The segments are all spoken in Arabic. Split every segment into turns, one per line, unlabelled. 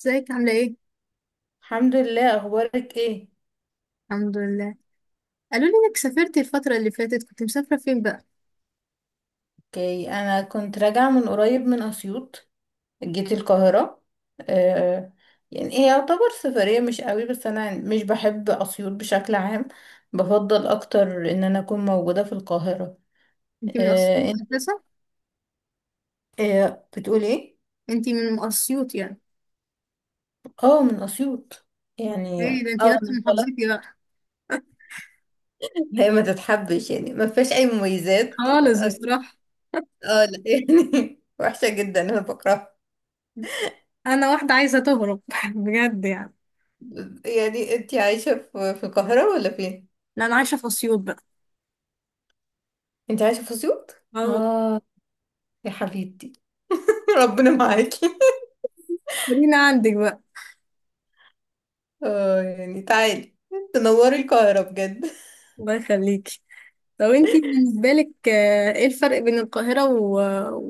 ازيك عاملة ايه؟
الحمد لله. اخبارك ايه؟
الحمد لله. قالوا لي انك سافرت الفترة اللي فاتت، كنت مسافرة فين بقى؟
اوكي، انا كنت راجعه من قريب من اسيوط. جيت القاهره. آه، يعني هي يعتبر سفريه مش قوي، بس انا مش بحب اسيوط بشكل عام. بفضل اكتر ان انا اكون موجوده في القاهره.
انت من اسيوط
آه، انت.
اساسا؟
آه، بتقول ايه؟
انت من اسيوط يعني.
اه، من اسيوط يعني.
ايه ده، انت
اه،
نفس
انا طلعت.
محافظتي بقى.
هي ما تتحبش، يعني ما فيهاش اي مميزات.
خالص
اه
بصراحة.
آه، لا يعني وحشه جدا، انا بكرهها.
انا واحدة عايزة تهرب بجد يعني.
يعني انتي عايشة في القاهرة ولا فين؟
لا، انا عايشة في اسيوط بقى.
انتي عايشة في اسيوط؟
اه.
اه، يا حبيبتي. ربنا معاكي.
خلينا عندك بقى.
اه يعني تعالي، تنوري القاهرة بجد.
الله يخليكي. طب انت بالنسبة لك، ايه الفرق بين القاهرة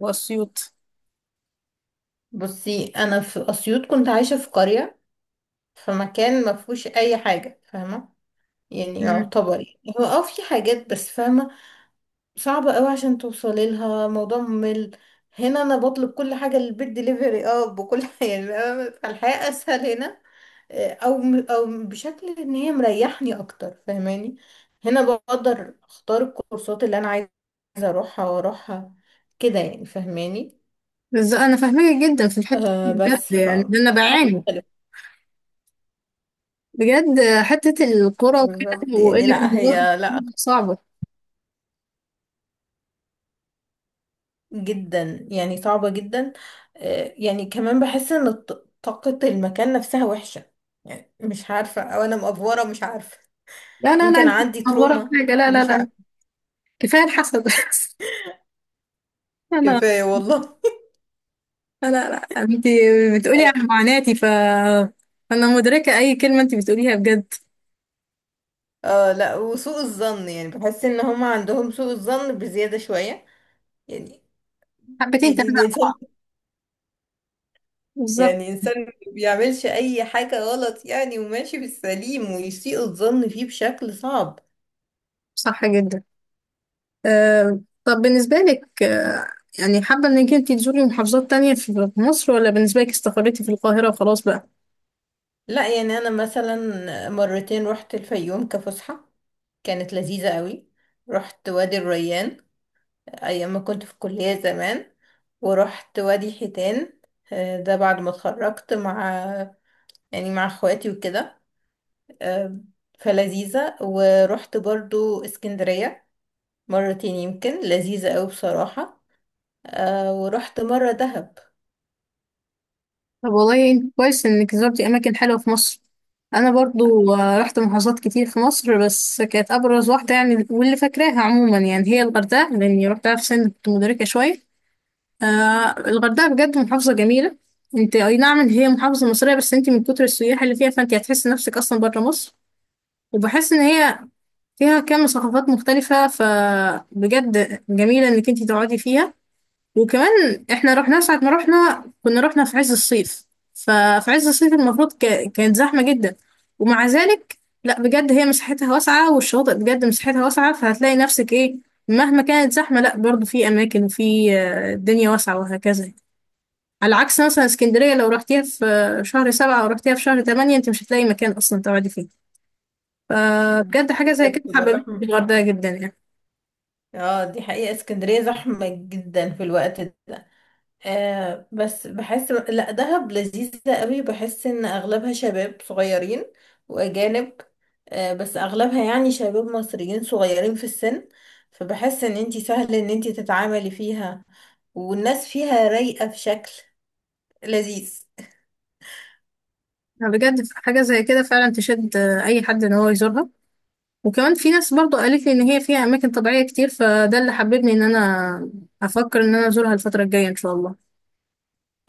واسيوط؟
بصي، انا في اسيوط كنت عايشة في قرية، في مكان ما فيهوش اي حاجة، فاهمة؟ يعني
مم.
يعتبر، يعني هو اه في حاجات، بس فاهمة، صعب قوي عشان توصلي لها. موضوع ممل. هنا انا بطلب كل حاجه للبيت دليفري، اه بكل حاجه. يعني فالحياه اسهل هنا. آه، او او بشكل ان هي مريحني اكتر، فاهماني. هنا بقدر اختار الكورسات اللي انا عايزه، اروحها واروحها، كده يعني فاهماني.
بس انا فاهمك جدا في الحتة دي،
آه
بجد
بس ف
يعني، ده انا بعاني
مختلف.
بجد، حتة الكرة وكده
بالظبط، يعني
وقلة
لا
الوقت
هي لا،
صعبة.
جدا يعني صعبة جدا. آه، يعني كمان بحس ان طاقة المكان نفسها وحشة. يعني مش عارفة، او انا مأفورة مش عارفة،
لا لا لا،
يمكن
انت
عندي
متهورة في
تروما،
حاجة، لا لا
مش
لا.
عارفة.
كفاية الحسد انا،
كفاية والله.
لا لا، انت بتقولي عن معاناتي، ف انا مدركة اي كلمة انت بتقوليها بجد.
اه لا، وسوء الظن، يعني بحس ان هم عندهم سوء الظن بزيادة شوية يعني.
حبتين
يعني
تلاتة.
الانسان،
بالظبط.
يعني انسان ما بيعملش اي حاجة غلط يعني، وماشي بالسليم، ويسيء الظن فيه بشكل صعب.
صح جدا. أه، طب بالنسبة لك، يعني حابة انك انت تزوري محافظات تانية في مصر، ولا بالنسبة لك استقريتي في القاهرة وخلاص بقى؟
لا يعني انا مثلا مرتين رحت الفيوم كفسحة، كانت لذيذة قوي. رحت وادي الريان أيام ما كنت في الكلية زمان. ورحت وادي حيتان، آه، ده بعد ما اتخرجت مع، يعني مع اخواتي وكده. آه، فلذيذة. ورحت برضو اسكندرية مرتين يمكن، لذيذة قوي بصراحة. آه، ورحت مرة دهب.
طب والله انت كويس انك زرتي اماكن حلوه في مصر. انا برضو، رحت محافظات كتير في مصر، بس كانت ابرز واحده يعني واللي فاكراها عموما يعني هي الغردقه، لاني رحتها في سن كنت مدركه شويه. آه، الغردقه بجد محافظه جميله. انت اي نعم ان هي محافظه مصريه، بس انت من كتر السياح اللي فيها فانت هتحس نفسك اصلا بره مصر. وبحس ان هي فيها كم ثقافات مختلفه، فبجد جميله انك انت تقعدي فيها. وكمان احنا رحنا ساعة ما رحنا، كنا رحنا في عز الصيف. ففي عز الصيف المفروض كانت زحمة جدا. ومع ذلك لا، بجد هي مساحتها واسعة، والشواطئ بجد مساحتها واسعة، فهتلاقي نفسك ايه مهما كانت زحمة. لا، برضو في أماكن وفي، الدنيا واسعة وهكذا. على عكس مثلا اسكندرية، لو رحتيها في شهر سبعة أو رحتيها في شهر تمانية، انت مش هتلاقي مكان أصلا تقعدي فيه. فبجد حاجة زي كده
بتبقى
حببتني في
زحمة.
الغردقة جدا يعني.
اه دي حقيقة، اسكندرية زحمة جدا في الوقت ده. آه بس بحس لا، دهب لذيذة قوي، بحس ان اغلبها شباب صغيرين واجانب. آه بس اغلبها يعني شباب مصريين صغيرين في السن، فبحس ان انتي سهل ان انتي تتعاملي فيها، والناس فيها رايقة في شكل لذيذ.
بجد حاجة زي كده فعلا تشد، أي حد إن هو يزورها. وكمان في ناس برضو قالت لي ان هي فيها اماكن طبيعيه كتير، فده اللي حببني ان انا افكر ان انا ازورها الفتره الجايه ان شاء الله.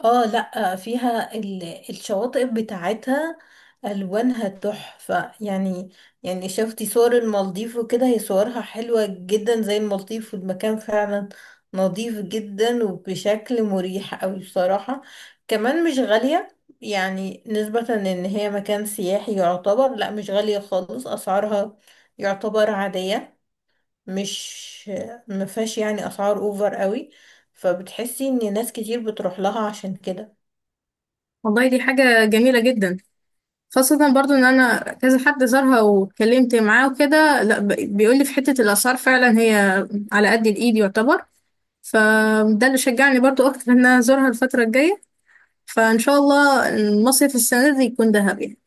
اه لا، فيها الشواطئ بتاعتها، الوانها تحفة يعني. يعني شفتي صور المالديف وكده، هي صورها حلوة جدا زي المالديف، والمكان فعلا نظيف جدا، وبشكل مريح قوي بصراحة. كمان مش غالية، يعني نسبة ان هي مكان سياحي يعتبر لا مش غالية خالص اسعارها، يعتبر عادية. مش مفيهاش يعني اسعار اوفر قوي، فبتحسي ان ناس كتير بتروح لها عشان كده.
والله دي حاجه جميله جدا. خاصه برضو ان انا كذا حد زارها واتكلمت معاه وكده، لا بيقول لي في حته الاسعار فعلا هي على قد الايد يعتبر. فده اللي شجعني برضو اكتر ان انا ازورها الفتره الجايه. فان شاء الله المصيف السنه دي يكون دهب يعني.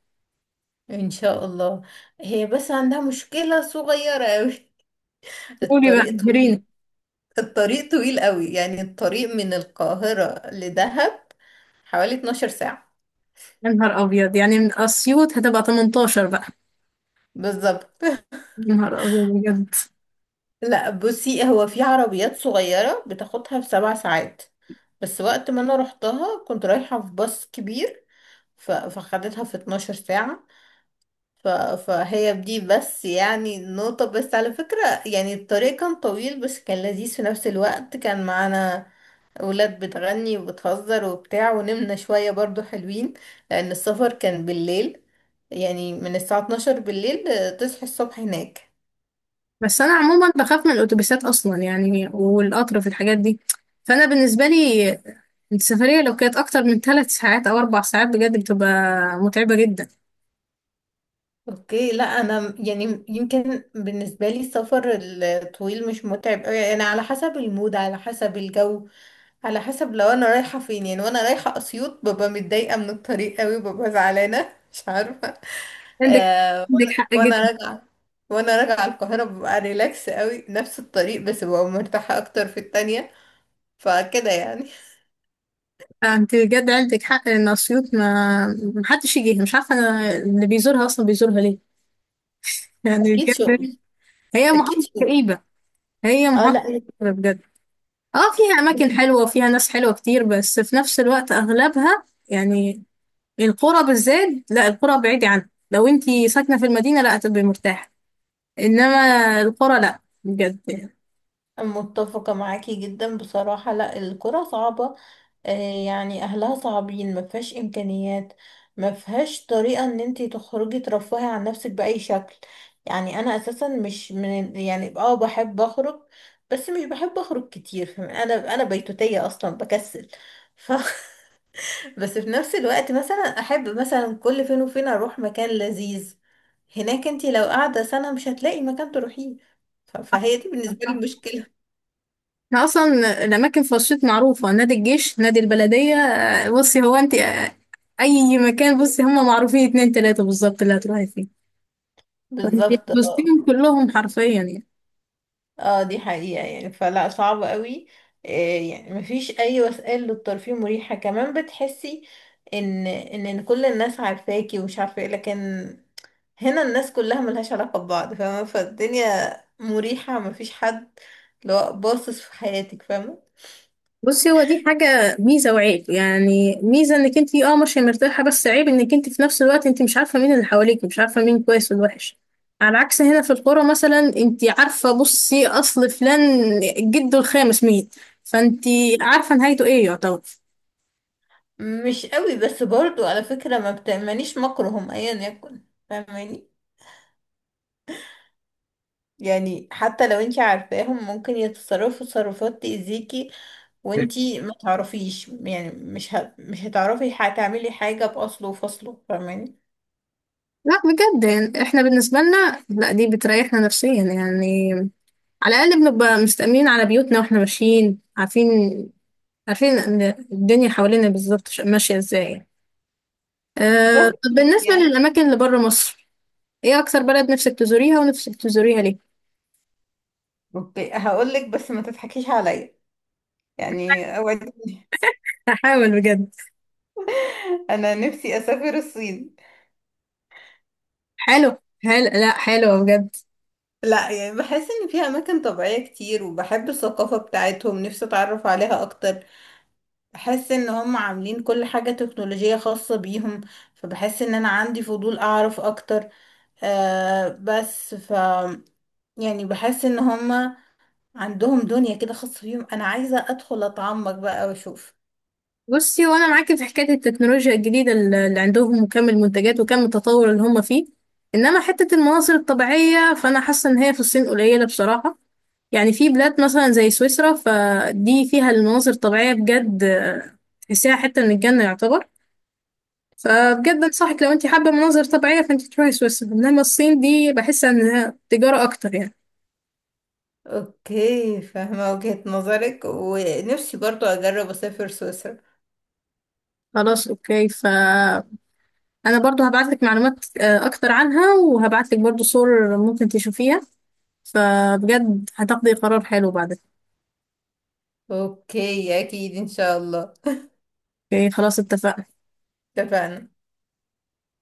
ان شاء الله. هي بس عندها مشكلة صغيرة قوي،
قولي بقى
الطريق طويل.
جرين.
الطريق طويل قوي، يعني الطريق من القاهرة لدهب حوالي 12 ساعة.
يا نهار ابيض، يعني من اسيوط هتبقى 18 بقى.
بالظبط.
يا نهار ابيض بجد.
لا بصي، هو في عربيات صغيرة بتاخدها في سبع ساعات، بس وقت ما انا رحتها كنت رايحة في باص كبير، فخدتها في 12 ساعة. ف... فهي بدي بس يعني نقطة، بس على فكرة يعني الطريق كان طويل، بس كان لذيذ في نفس الوقت. كان معانا أولاد بتغني وبتهزر وبتاع، ونمنا شوية برضو، حلوين، لأن السفر كان بالليل. يعني من الساعة 12 بالليل آه، تصحي الصبح هناك.
بس انا عموما بخاف من الاتوبيسات اصلا يعني، والقطر، في الحاجات دي فانا بالنسبه لي السفريه لو كانت اكتر من ثلاث ساعات او اربع ساعات بجد بتبقى متعبه جدا.
اوكي لا، انا يعني يمكن بالنسبه لي السفر الطويل مش متعب قوي، انا على حسب المود، على حسب الجو، على حسب لو انا رايحه فين. يعني وانا رايحه اسيوط ببقى متضايقه من الطريق قوي، ببقى زعلانه مش عارفه.
عندك
آه.
عندك حق
وانا
جدا.
راجعه، وانا راجعه القاهره ببقى ريلاكس قوي، نفس الطريق بس ببقى مرتاحه اكتر في التانية. فكده يعني.
انت بجد عندك حق، ان اسيوط ما محدش يجيها، مش عارفه انا اللي بيزورها اصلا بيزورها ليه. يعني
اكيد شغل.
بجد هي
اكيد
محافظه
شغل.
كئيبه. هي
اه
محافظه
لا،
كئيبة بجد. اه فيها اماكن حلوه وفيها ناس حلوه كتير، بس في نفس الوقت اغلبها يعني القرى بالذات، لا القرى بعيدة عنها، لو انتي ساكنة في المدينة لا هتبقي مرتاحة، انما القرى لا بجد يعني.
متفقة معاكي جدا بصراحة، لا الكرة صعبة. آه، يعني أهلها صعبين، ما فيهاش إمكانيات، ما فيهاش طريقة إن انتي تخرجي ترفهي عن نفسك بأي شكل. يعني أنا أساسا مش من، يعني اه بحب أخرج، بس مش بحب أخرج كتير. أنا بيتوتية أصلا، بكسل. ف... بس في نفس الوقت مثلا أحب مثلا كل فين وفين أروح مكان لذيذ. هناك انتي لو قاعدة سنة مش هتلاقي مكان تروحيه. فهي دي بالنسبة لي المشكلة.
احنا اصلا الاماكن في رشيد معروفة، نادي الجيش، نادي البلدية، بصي هو انتي، اي مكان بصي هم معروفين اتنين تلاتة بالظبط اللي هتروحي فيه. فانتي
بالظبط
بصيهم
اه.
كلهم حرفيا يعني.
اه دي حقيقة يعني، فلا صعب قوي. إيه يعني مفيش اي وسائل للترفيه مريحة. كمان بتحسي ان إن كل الناس عارفاكي ومش عارفة ايه، لكن هنا الناس كلها ملهاش علاقة ببعض، فاهمة، فالدنيا مريحة، مفيش حد لو باصص في حياتك، فاهمة.
بصي هو دي حاجة ميزة وعيب، يعني ميزة انك انت ماشية مرتاحة، بس عيب انك انت في نفس الوقت انت مش عارفة مين اللي حواليك، مش عارفة مين كويس والوحش. على عكس هنا في القرى، مثلا انت عارفة بصي اصل فلان جده الخامس مين، فانت عارفة نهايته ايه يعتبر.
مش قوي، بس برضو على فكرة ما بتأمنيش مكرهم ايا يكن، فاهماني. يعني حتى لو انتي عارفاهم ممكن يتصرفوا تصرفات تأذيكي، وانتي ما تعرفيش، يعني مش هتعرفي هتعملي حاجة بأصله وفصله، فاهماني.
لا بجد يعني احنا بالنسبة لنا لا، دي بتريحنا نفسيا يعني. على الأقل بنبقى مستأمنين على بيوتنا، واحنا ماشيين عارفين إن الدنيا حوالينا بالظبط ماشية ازاي. أه،
فاهمك
طب بالنسبة
يعني.
للأماكن اللي بره مصر، إيه أكتر بلد نفسك تزوريها ونفسك تزوريها ليه؟
اوكي هقولك، بس ما تضحكيش عليا يعني، اوعديني.
هحاول بجد.
انا نفسي اسافر الصين.
حلو. حلو، لا حلو بجد.
لا يعني بحس ان فيها اماكن طبيعية كتير، وبحب الثقافة بتاعتهم، نفسي اتعرف عليها اكتر. بحس ان هم عاملين كل حاجة تكنولوجية خاصة بيهم، فبحس ان انا عندي فضول اعرف اكتر. آه بس ف يعني بحس ان هما عندهم دنيا كده خاصة بيهم، انا عايزة ادخل اتعمق بقى واشوف.
بصي وأنا معاكي في حكاية التكنولوجيا الجديدة اللي عندهم، وكم المنتجات وكم التطور اللي هم فيه. إنما حتة المناظر الطبيعية فأنا حاسة إن هي في الصين قليلة بصراحة. يعني في بلاد مثلا زي سويسرا، فدي فيها المناظر الطبيعية بجد، تحسيها حتة من الجنة يعتبر. فبجد انصحك لو انت حابة مناظر طبيعية فانت تروحي سويسرا، انما الصين دي بحس انها تجارة اكتر يعني.
اوكي فاهمة وجهة نظرك، ونفسي برضو اجرب اسافر سويسرا.
خلاص اوكي، فانا برضو هبعتلك معلومات، اكتر عنها، وهبعتلك برضو صور ممكن تشوفيها، فبجد هتاخدي قرار حلو بعدك.
اوكي اكيد ان شاء الله.
اوكي خلاص، اتفقنا.
اتفقنا.